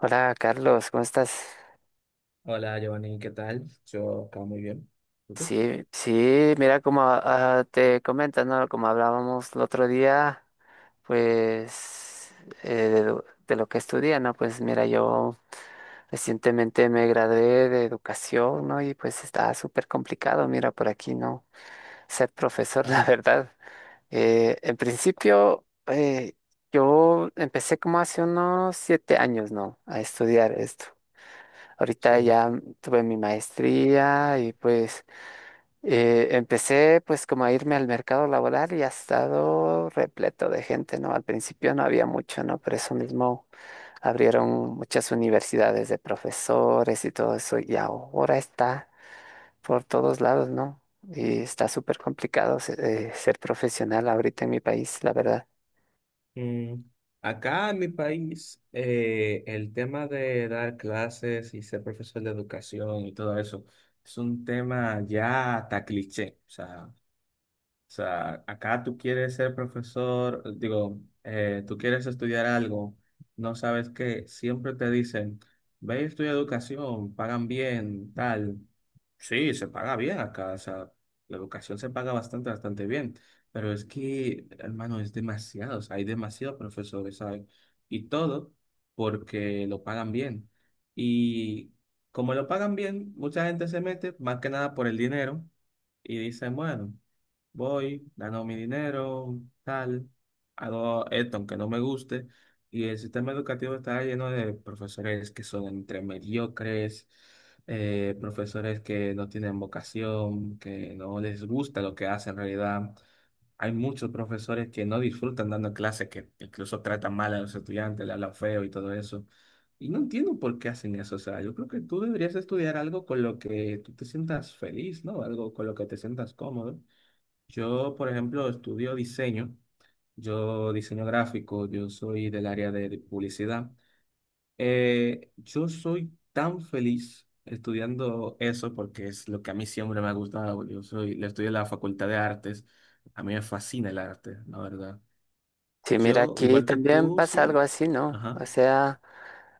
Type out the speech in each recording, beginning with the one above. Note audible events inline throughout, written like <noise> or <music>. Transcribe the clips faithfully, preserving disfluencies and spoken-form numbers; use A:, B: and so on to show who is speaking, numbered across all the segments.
A: Hola Carlos, ¿cómo estás?
B: Hola Giovanni, ¿qué tal? Yo acá muy bien. ¿Y tú?
A: Sí, sí, mira como ah, te comentas, ¿no? Como hablábamos el otro día, pues eh, de, lo de lo que estudia, ¿no? Pues mira, yo recientemente me gradué de educación, ¿no? Y pues está súper complicado, mira, por aquí, ¿no? Ser profesor, <laughs> la
B: Ajá,
A: verdad. Eh, en principio, eh, yo empecé como hace unos siete años, ¿no? A estudiar esto. Ahorita
B: sí.
A: ya tuve mi maestría y pues eh, empecé pues como a irme al mercado laboral y ha estado repleto de gente, ¿no? Al principio no había mucho, ¿no? Por eso mismo abrieron muchas universidades de profesores y todo eso y ahora está por todos lados, ¿no? Y está súper complicado se- eh, ser profesional ahorita en mi país, la verdad.
B: Mm, acá en mi país, eh, el tema de dar clases y ser profesor de educación y todo eso es un tema ya hasta cliché. O sea, o sea, acá tú quieres ser profesor, digo, eh, tú quieres estudiar algo, no sabes qué, siempre te dicen, ve y estudia educación, pagan bien, tal. Sí, se paga bien acá, o sea, la educación se paga bastante, bastante bien, pero es que, hermano, es demasiado, o sea, hay demasiados profesores, ¿sabes? Y todo porque lo pagan bien. Y como lo pagan bien, mucha gente se mete, más que nada por el dinero, y dicen, bueno. Voy, gano mi dinero, tal, hago esto aunque no me guste. Y el sistema educativo está lleno de profesores que son entre mediocres, eh, profesores que no tienen vocación, que no les gusta lo que hacen en realidad. Hay muchos profesores que no disfrutan dando clases, que incluso tratan mal a los estudiantes, le hablan feo y todo eso. Y no entiendo por qué hacen eso. O sea, yo creo que tú deberías estudiar algo con lo que tú te sientas feliz, ¿no? Algo con lo que te sientas cómodo. Yo, por ejemplo, estudio diseño, yo diseño gráfico, yo soy del área de de publicidad. Eh, yo soy tan feliz estudiando eso porque es lo que a mí siempre me ha gustado. Yo soy, le estudio en la Facultad de Artes, a mí me fascina el arte, la verdad.
A: Sí, mira,
B: Yo,
A: aquí
B: igual que
A: también
B: tú,
A: pasa algo
B: sí.
A: así, ¿no?
B: Ajá.
A: O sea,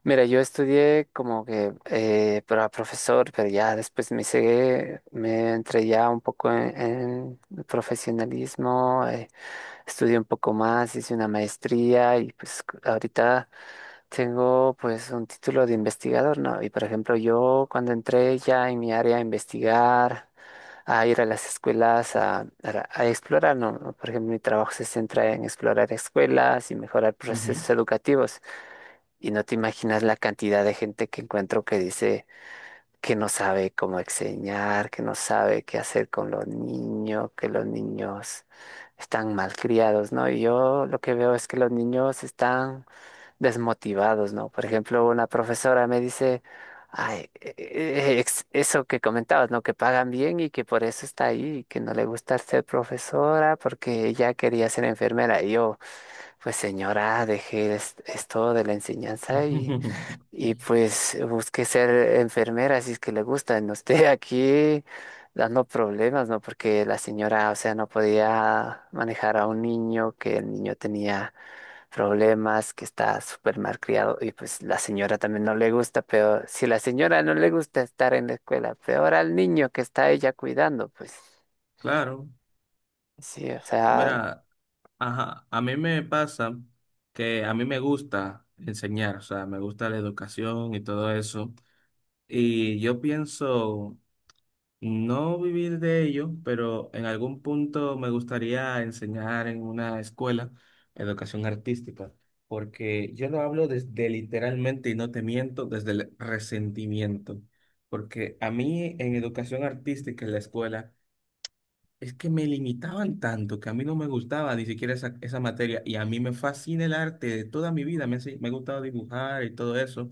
A: mira, yo estudié como que eh, para profesor, pero ya después me seguí, me entré ya un poco en, en el profesionalismo, eh, estudié un poco más, hice una maestría y pues c- ahorita tengo pues un título de investigador, ¿no? Y por ejemplo, yo cuando entré ya en mi área a investigar, a ir a las escuelas a, a- a explorar, ¿no? Por ejemplo, mi trabajo se centra en explorar escuelas y mejorar
B: Ujú.
A: procesos educativos. Y no te imaginas la cantidad de gente que encuentro que dice que no sabe cómo enseñar, que no sabe qué hacer con los niños, que los niños están malcriados, ¿no? Y yo lo que veo es que los niños están desmotivados, ¿no? Por ejemplo, una profesora me dice, ay, e- e- ex- eso que comentabas, ¿no? Que pagan bien y que por eso está ahí, que no le gusta ser profesora porque ella quería ser enfermera. Y yo, pues señora, dejé es- esto de la enseñanza y
B: <laughs>
A: y pues busqué ser enfermera, si es que le gusta. No esté aquí dando problemas, ¿no? Porque la señora, o sea, no podía manejar a un niño, que el niño tenía problemas, que está súper mal criado. Y pues la señora también no le gusta, pero si la señora no le gusta estar en la escuela, peor al niño que está ella cuidando, pues
B: Claro.
A: sí, o sea,
B: Verá, ajá, a mí me pasa que a mí me gusta enseñar, o sea, me gusta la educación y todo eso. Y yo pienso no vivir de ello, pero en algún punto me gustaría enseñar en una escuela educación artística, porque yo lo hablo desde literalmente, y no te miento, desde el resentimiento, porque a mí en educación artística en la escuela es que me limitaban tanto que a mí no me gustaba ni siquiera esa, esa materia y a mí me fascina el arte de toda mi vida, me, ha si- me ha gustado dibujar y todo eso,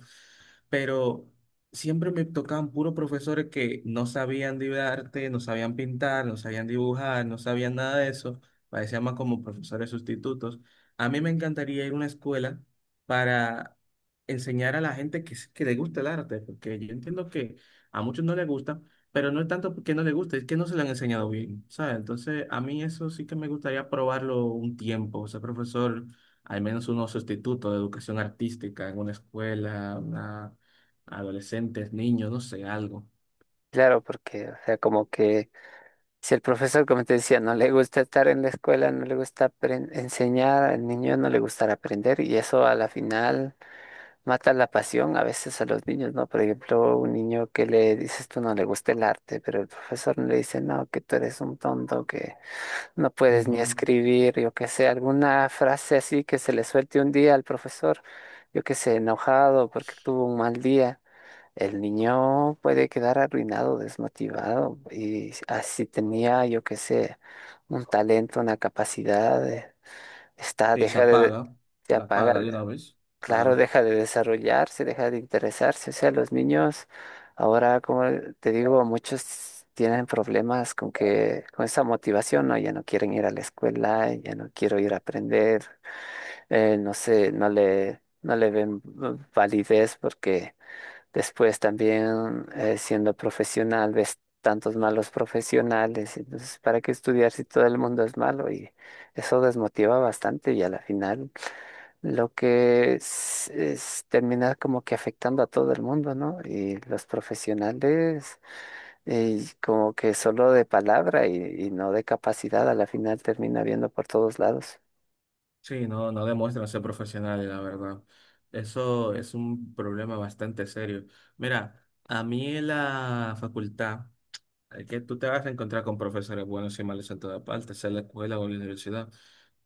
B: pero siempre me tocaban puros profesores que no sabían de arte, no sabían pintar, no sabían dibujar, no sabían nada de eso, parecían más como profesores sustitutos. A mí me encantaría ir a una escuela para enseñar a la gente que, s- que le gusta el arte, porque yo entiendo que a muchos no les gusta. Pero no es tanto porque no le gusta, es que no se le han enseñado bien, ¿sabes? Entonces, a mí eso sí que me gustaría probarlo un tiempo, ser profesor, al menos uno sustituto de educación artística en una escuela, una- adolescentes, niños, no sé, algo.
A: claro, porque, o sea, como que... Si el profesor, como te decía, no le gusta estar en la escuela, no le gusta apren- enseñar, al niño no le gustará aprender y eso a la final mata la pasión a veces a los niños, ¿no? Por ejemplo, un niño que le dices tú no le gusta el arte, pero el profesor le dice, no, que tú eres un tonto, que no puedes ni
B: Ujú.
A: escribir, yo qué sé, alguna frase así que se le suelte un día al profesor, yo qué sé, enojado porque tuvo un mal día. El niño puede quedar arruinado, desmotivado. Y así tenía, yo qué sé, un talento, una capacidad, eh, está,
B: Sí, se
A: deja de,
B: apaga,
A: se
B: la
A: apaga,
B: apaga de una vez,
A: claro,
B: claro.
A: deja de desarrollarse, deja de interesarse. O sea, los niños, ahora, como te digo, muchos tienen problemas con que, con esa motivación, ¿no? Ya no quieren ir a la escuela, ya no quiero ir a aprender, eh, no sé, no le, no le ven mm, validez porque después también eh, siendo profesional ves tantos malos profesionales, entonces ¿para qué estudiar si todo el mundo es malo? Y eso desmotiva bastante y a la final lo que es, es terminar como que afectando a todo el mundo, ¿no? Y los profesionales eh, como que solo de palabra y, y no de capacidad, a la final termina viendo por todos lados.
B: Sí, no, no demuestran ser profesionales, la verdad. Eso es un problema bastante serio. Mira, a mí en la facultad es que tú te vas a encontrar con profesores buenos y malos en todas partes, sea en la escuela o en la universidad.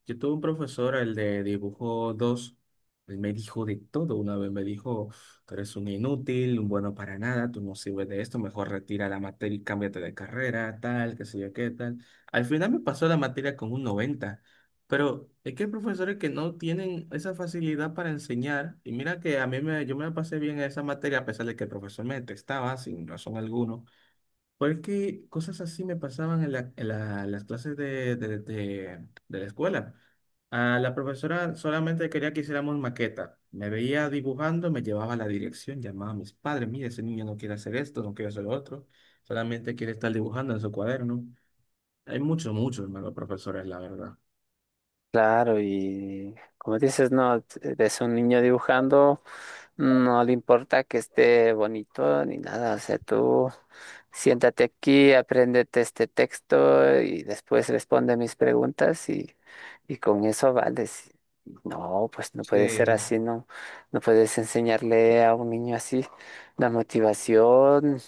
B: Yo tuve un profesor, el de dibujo dos, él me dijo de todo una vez, me dijo, tú eres un inútil, un bueno para nada, tú no sirves de esto, mejor retira la materia y cámbiate de carrera, tal, qué sé yo qué, tal. Al final me pasó la materia con un noventa. Pero es que hay profesores que no tienen esa facilidad para enseñar, y mira que a mí me, yo me la pasé bien en esa materia a pesar de que el profesor me detestaba sin razón alguna. Porque cosas así me pasaban en la- en la- las clases de, de, de- de la escuela. A la profesora solamente quería que hiciéramos maqueta. Me veía dibujando, me llevaba a la dirección, llamaba a mis padres, mire, ese niño no quiere hacer esto, no quiere hacer lo otro, solamente quiere estar dibujando en su cuaderno. Hay muchos, muchos malos profesores, la verdad.
A: Claro, y como dices, no, es un niño dibujando, no le importa que esté bonito ni nada, o sea, tú siéntate aquí, apréndete este texto y después responde mis preguntas y, y con eso vales. No, pues no puede ser
B: Sí.
A: así, no, no puedes enseñarle a un niño así. La motivación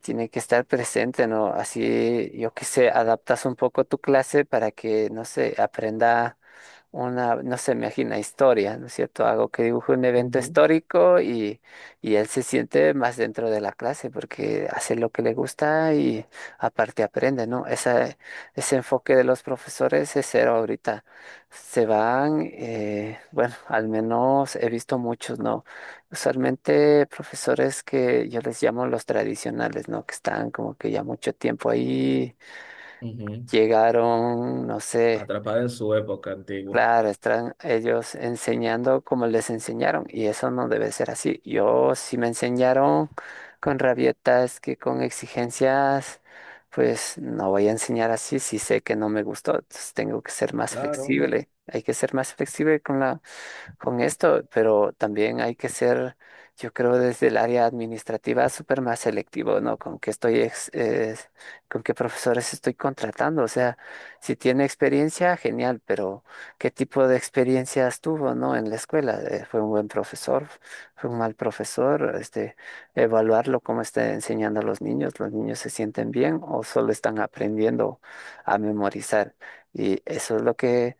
A: tiene que estar presente, ¿no? Así, yo qué sé, adaptas un poco tu clase para que, no sé, aprenda una, no se imagina historia, ¿no es cierto? Algo que dibuje un evento
B: Ujú.
A: histórico y, y él se siente más dentro de la clase porque hace lo que le gusta y aparte aprende, ¿no? Esa, ese enfoque de los profesores es cero ahorita. Se van, eh, bueno, al menos he visto muchos, ¿no? Usualmente profesores que yo les llamo los tradicionales, ¿no? Que están como que ya mucho tiempo ahí,
B: Ujú.
A: llegaron, no sé.
B: Atrapada en su época antigua.
A: Claro, están ellos enseñando como les enseñaron y eso no debe ser así. Yo si me enseñaron con rabietas, que con exigencias, pues no voy a enseñar así si sé que no me gustó. Entonces tengo que ser más
B: Claro.
A: flexible. Hay que ser más flexible con la, con esto, pero también hay que ser, yo creo, desde el área administrativa súper más selectivo, ¿no? Con qué estoy, ex- eh, con qué profesores estoy contratando. O sea, si tiene experiencia, genial, pero qué tipo de experiencias tuvo, ¿no? En la escuela, eh, fue un buen profesor, fue un mal profesor, este, evaluarlo cómo está enseñando a los niños, los niños se sienten bien o solo están aprendiendo a memorizar. Y eso es lo que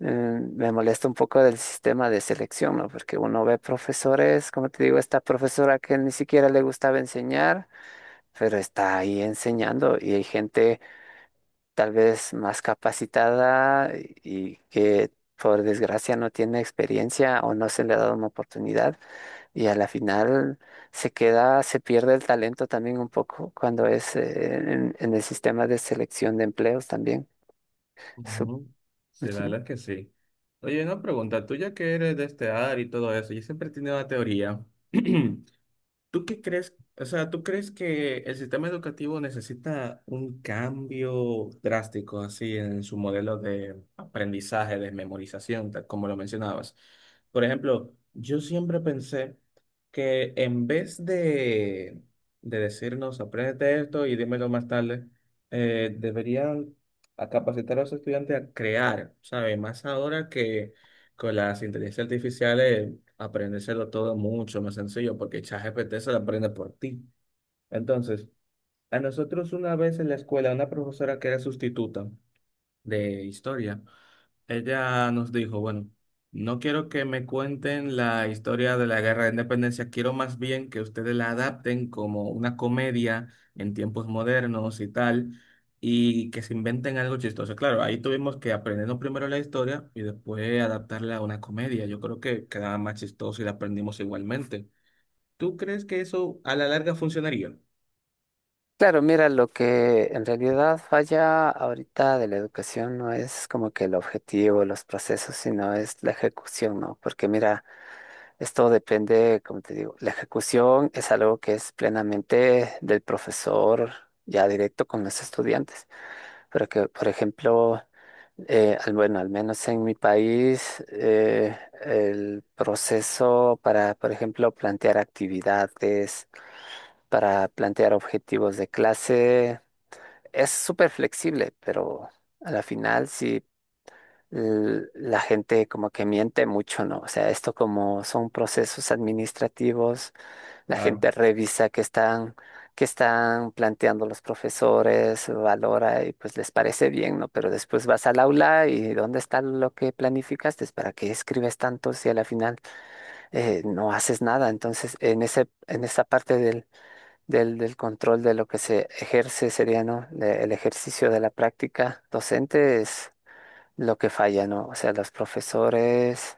A: eh, me molesta un poco del sistema de selección, ¿no? Porque uno ve profesores, como te digo, esta profesora que ni siquiera le gustaba enseñar, pero está ahí enseñando y hay gente tal vez más capacitada y que por desgracia no tiene experiencia o no se le ha dado una oportunidad y a la final se queda, se pierde el talento también un poco cuando es eh, en, en el sistema de selección de empleos también. Su-
B: Ujú. Sí, la
A: Ujú.
B: verdad es que sí. Oye, una pregunta, tú ya que eres de este área y todo eso, yo siempre he tenido una teoría. <clears throat> ¿Tú qué crees? O sea, ¿tú crees que el sistema educativo necesita un cambio drástico así en su modelo de aprendizaje, de memorización, tal como lo mencionabas? Por ejemplo, yo siempre pensé que en vez de, de decirnos, apréndete esto y dímelo más tarde, eh, deberían a capacitar a los estudiantes a crear, ¿sabes? Más ahora que con las inteligencias artificiales, aprendérselo todo mucho más sencillo, porque ChatGPT se lo aprende por ti. Entonces, a nosotros una vez en la escuela, una profesora que era sustituta de historia, ella nos dijo, bueno, no quiero que me cuenten la historia de la Guerra de Independencia, quiero más bien que ustedes la adapten como una comedia en tiempos modernos y tal, y que se inventen algo chistoso. Claro, ahí tuvimos que aprendernos primero la historia y después adaptarla a una comedia. Yo creo que quedaba más chistoso y la aprendimos igualmente. ¿Tú crees que eso a la larga funcionaría?
A: Claro, mira, lo que en realidad falla ahorita de la educación no es como que el objetivo, los procesos, sino es la ejecución, ¿no? Porque mira, esto depende, como te digo, la ejecución es algo que es plenamente del profesor ya directo con los estudiantes. Pero que, por ejemplo, eh, al- bueno, al menos en mi país, eh, el proceso para, por ejemplo, plantear actividades, para plantear objetivos de clase, es súper flexible, pero a la final, sí l- la gente como que miente mucho, ¿no? O sea, esto como son procesos administrativos, la
B: Claro,
A: gente revisa qué están, qué están planteando los profesores, valora y pues les parece bien, ¿no? Pero después vas al aula y ¿dónde está lo que planificaste? ¿Para qué escribes tanto si a la final eh, no haces nada? Entonces, en ese, en esa parte del, del, del control de lo que se ejerce sería, ¿no? Le- El ejercicio de la práctica docente lo que falla, ¿no? O sea, los profesores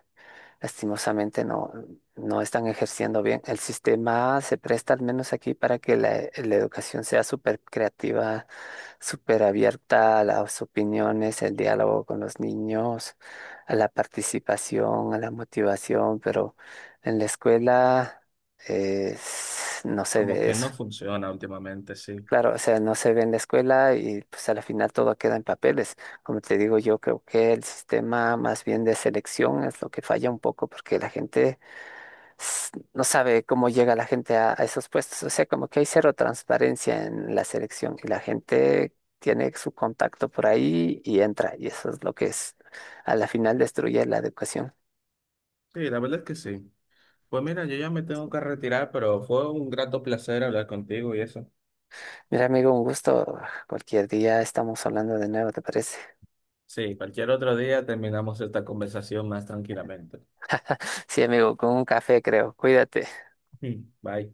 A: lastimosamente no, no están ejerciendo bien. El sistema se presta al menos aquí para que la, la educación sea súper creativa, súper abierta a las opiniones, el diálogo con los niños, a la participación, a la motivación, pero en la escuela eh, s- no se
B: como
A: ve
B: que
A: eso.
B: no funciona últimamente, sí.
A: Claro, o sea, no se ve en la escuela y pues a la final todo queda en papeles. Como te digo, yo creo que el sistema más bien de selección es lo que falla un poco porque la gente s- no sabe cómo llega la gente a, a esos puestos. O sea, como que hay cero transparencia en la selección y la gente tiene su contacto por ahí y entra. Y eso es lo que es, a la final destruye la educación.
B: Sí, la verdad es que sí. Pues mira, yo ya me tengo que retirar, pero fue un grato placer hablar contigo y eso.
A: Mira, amigo, un gusto. Cualquier día estamos hablando de nuevo, ¿te parece?
B: Sí, cualquier otro día terminamos esta conversación más tranquilamente.
A: Sí, amigo, con un café creo. Cuídate.
B: <laughs> Bye.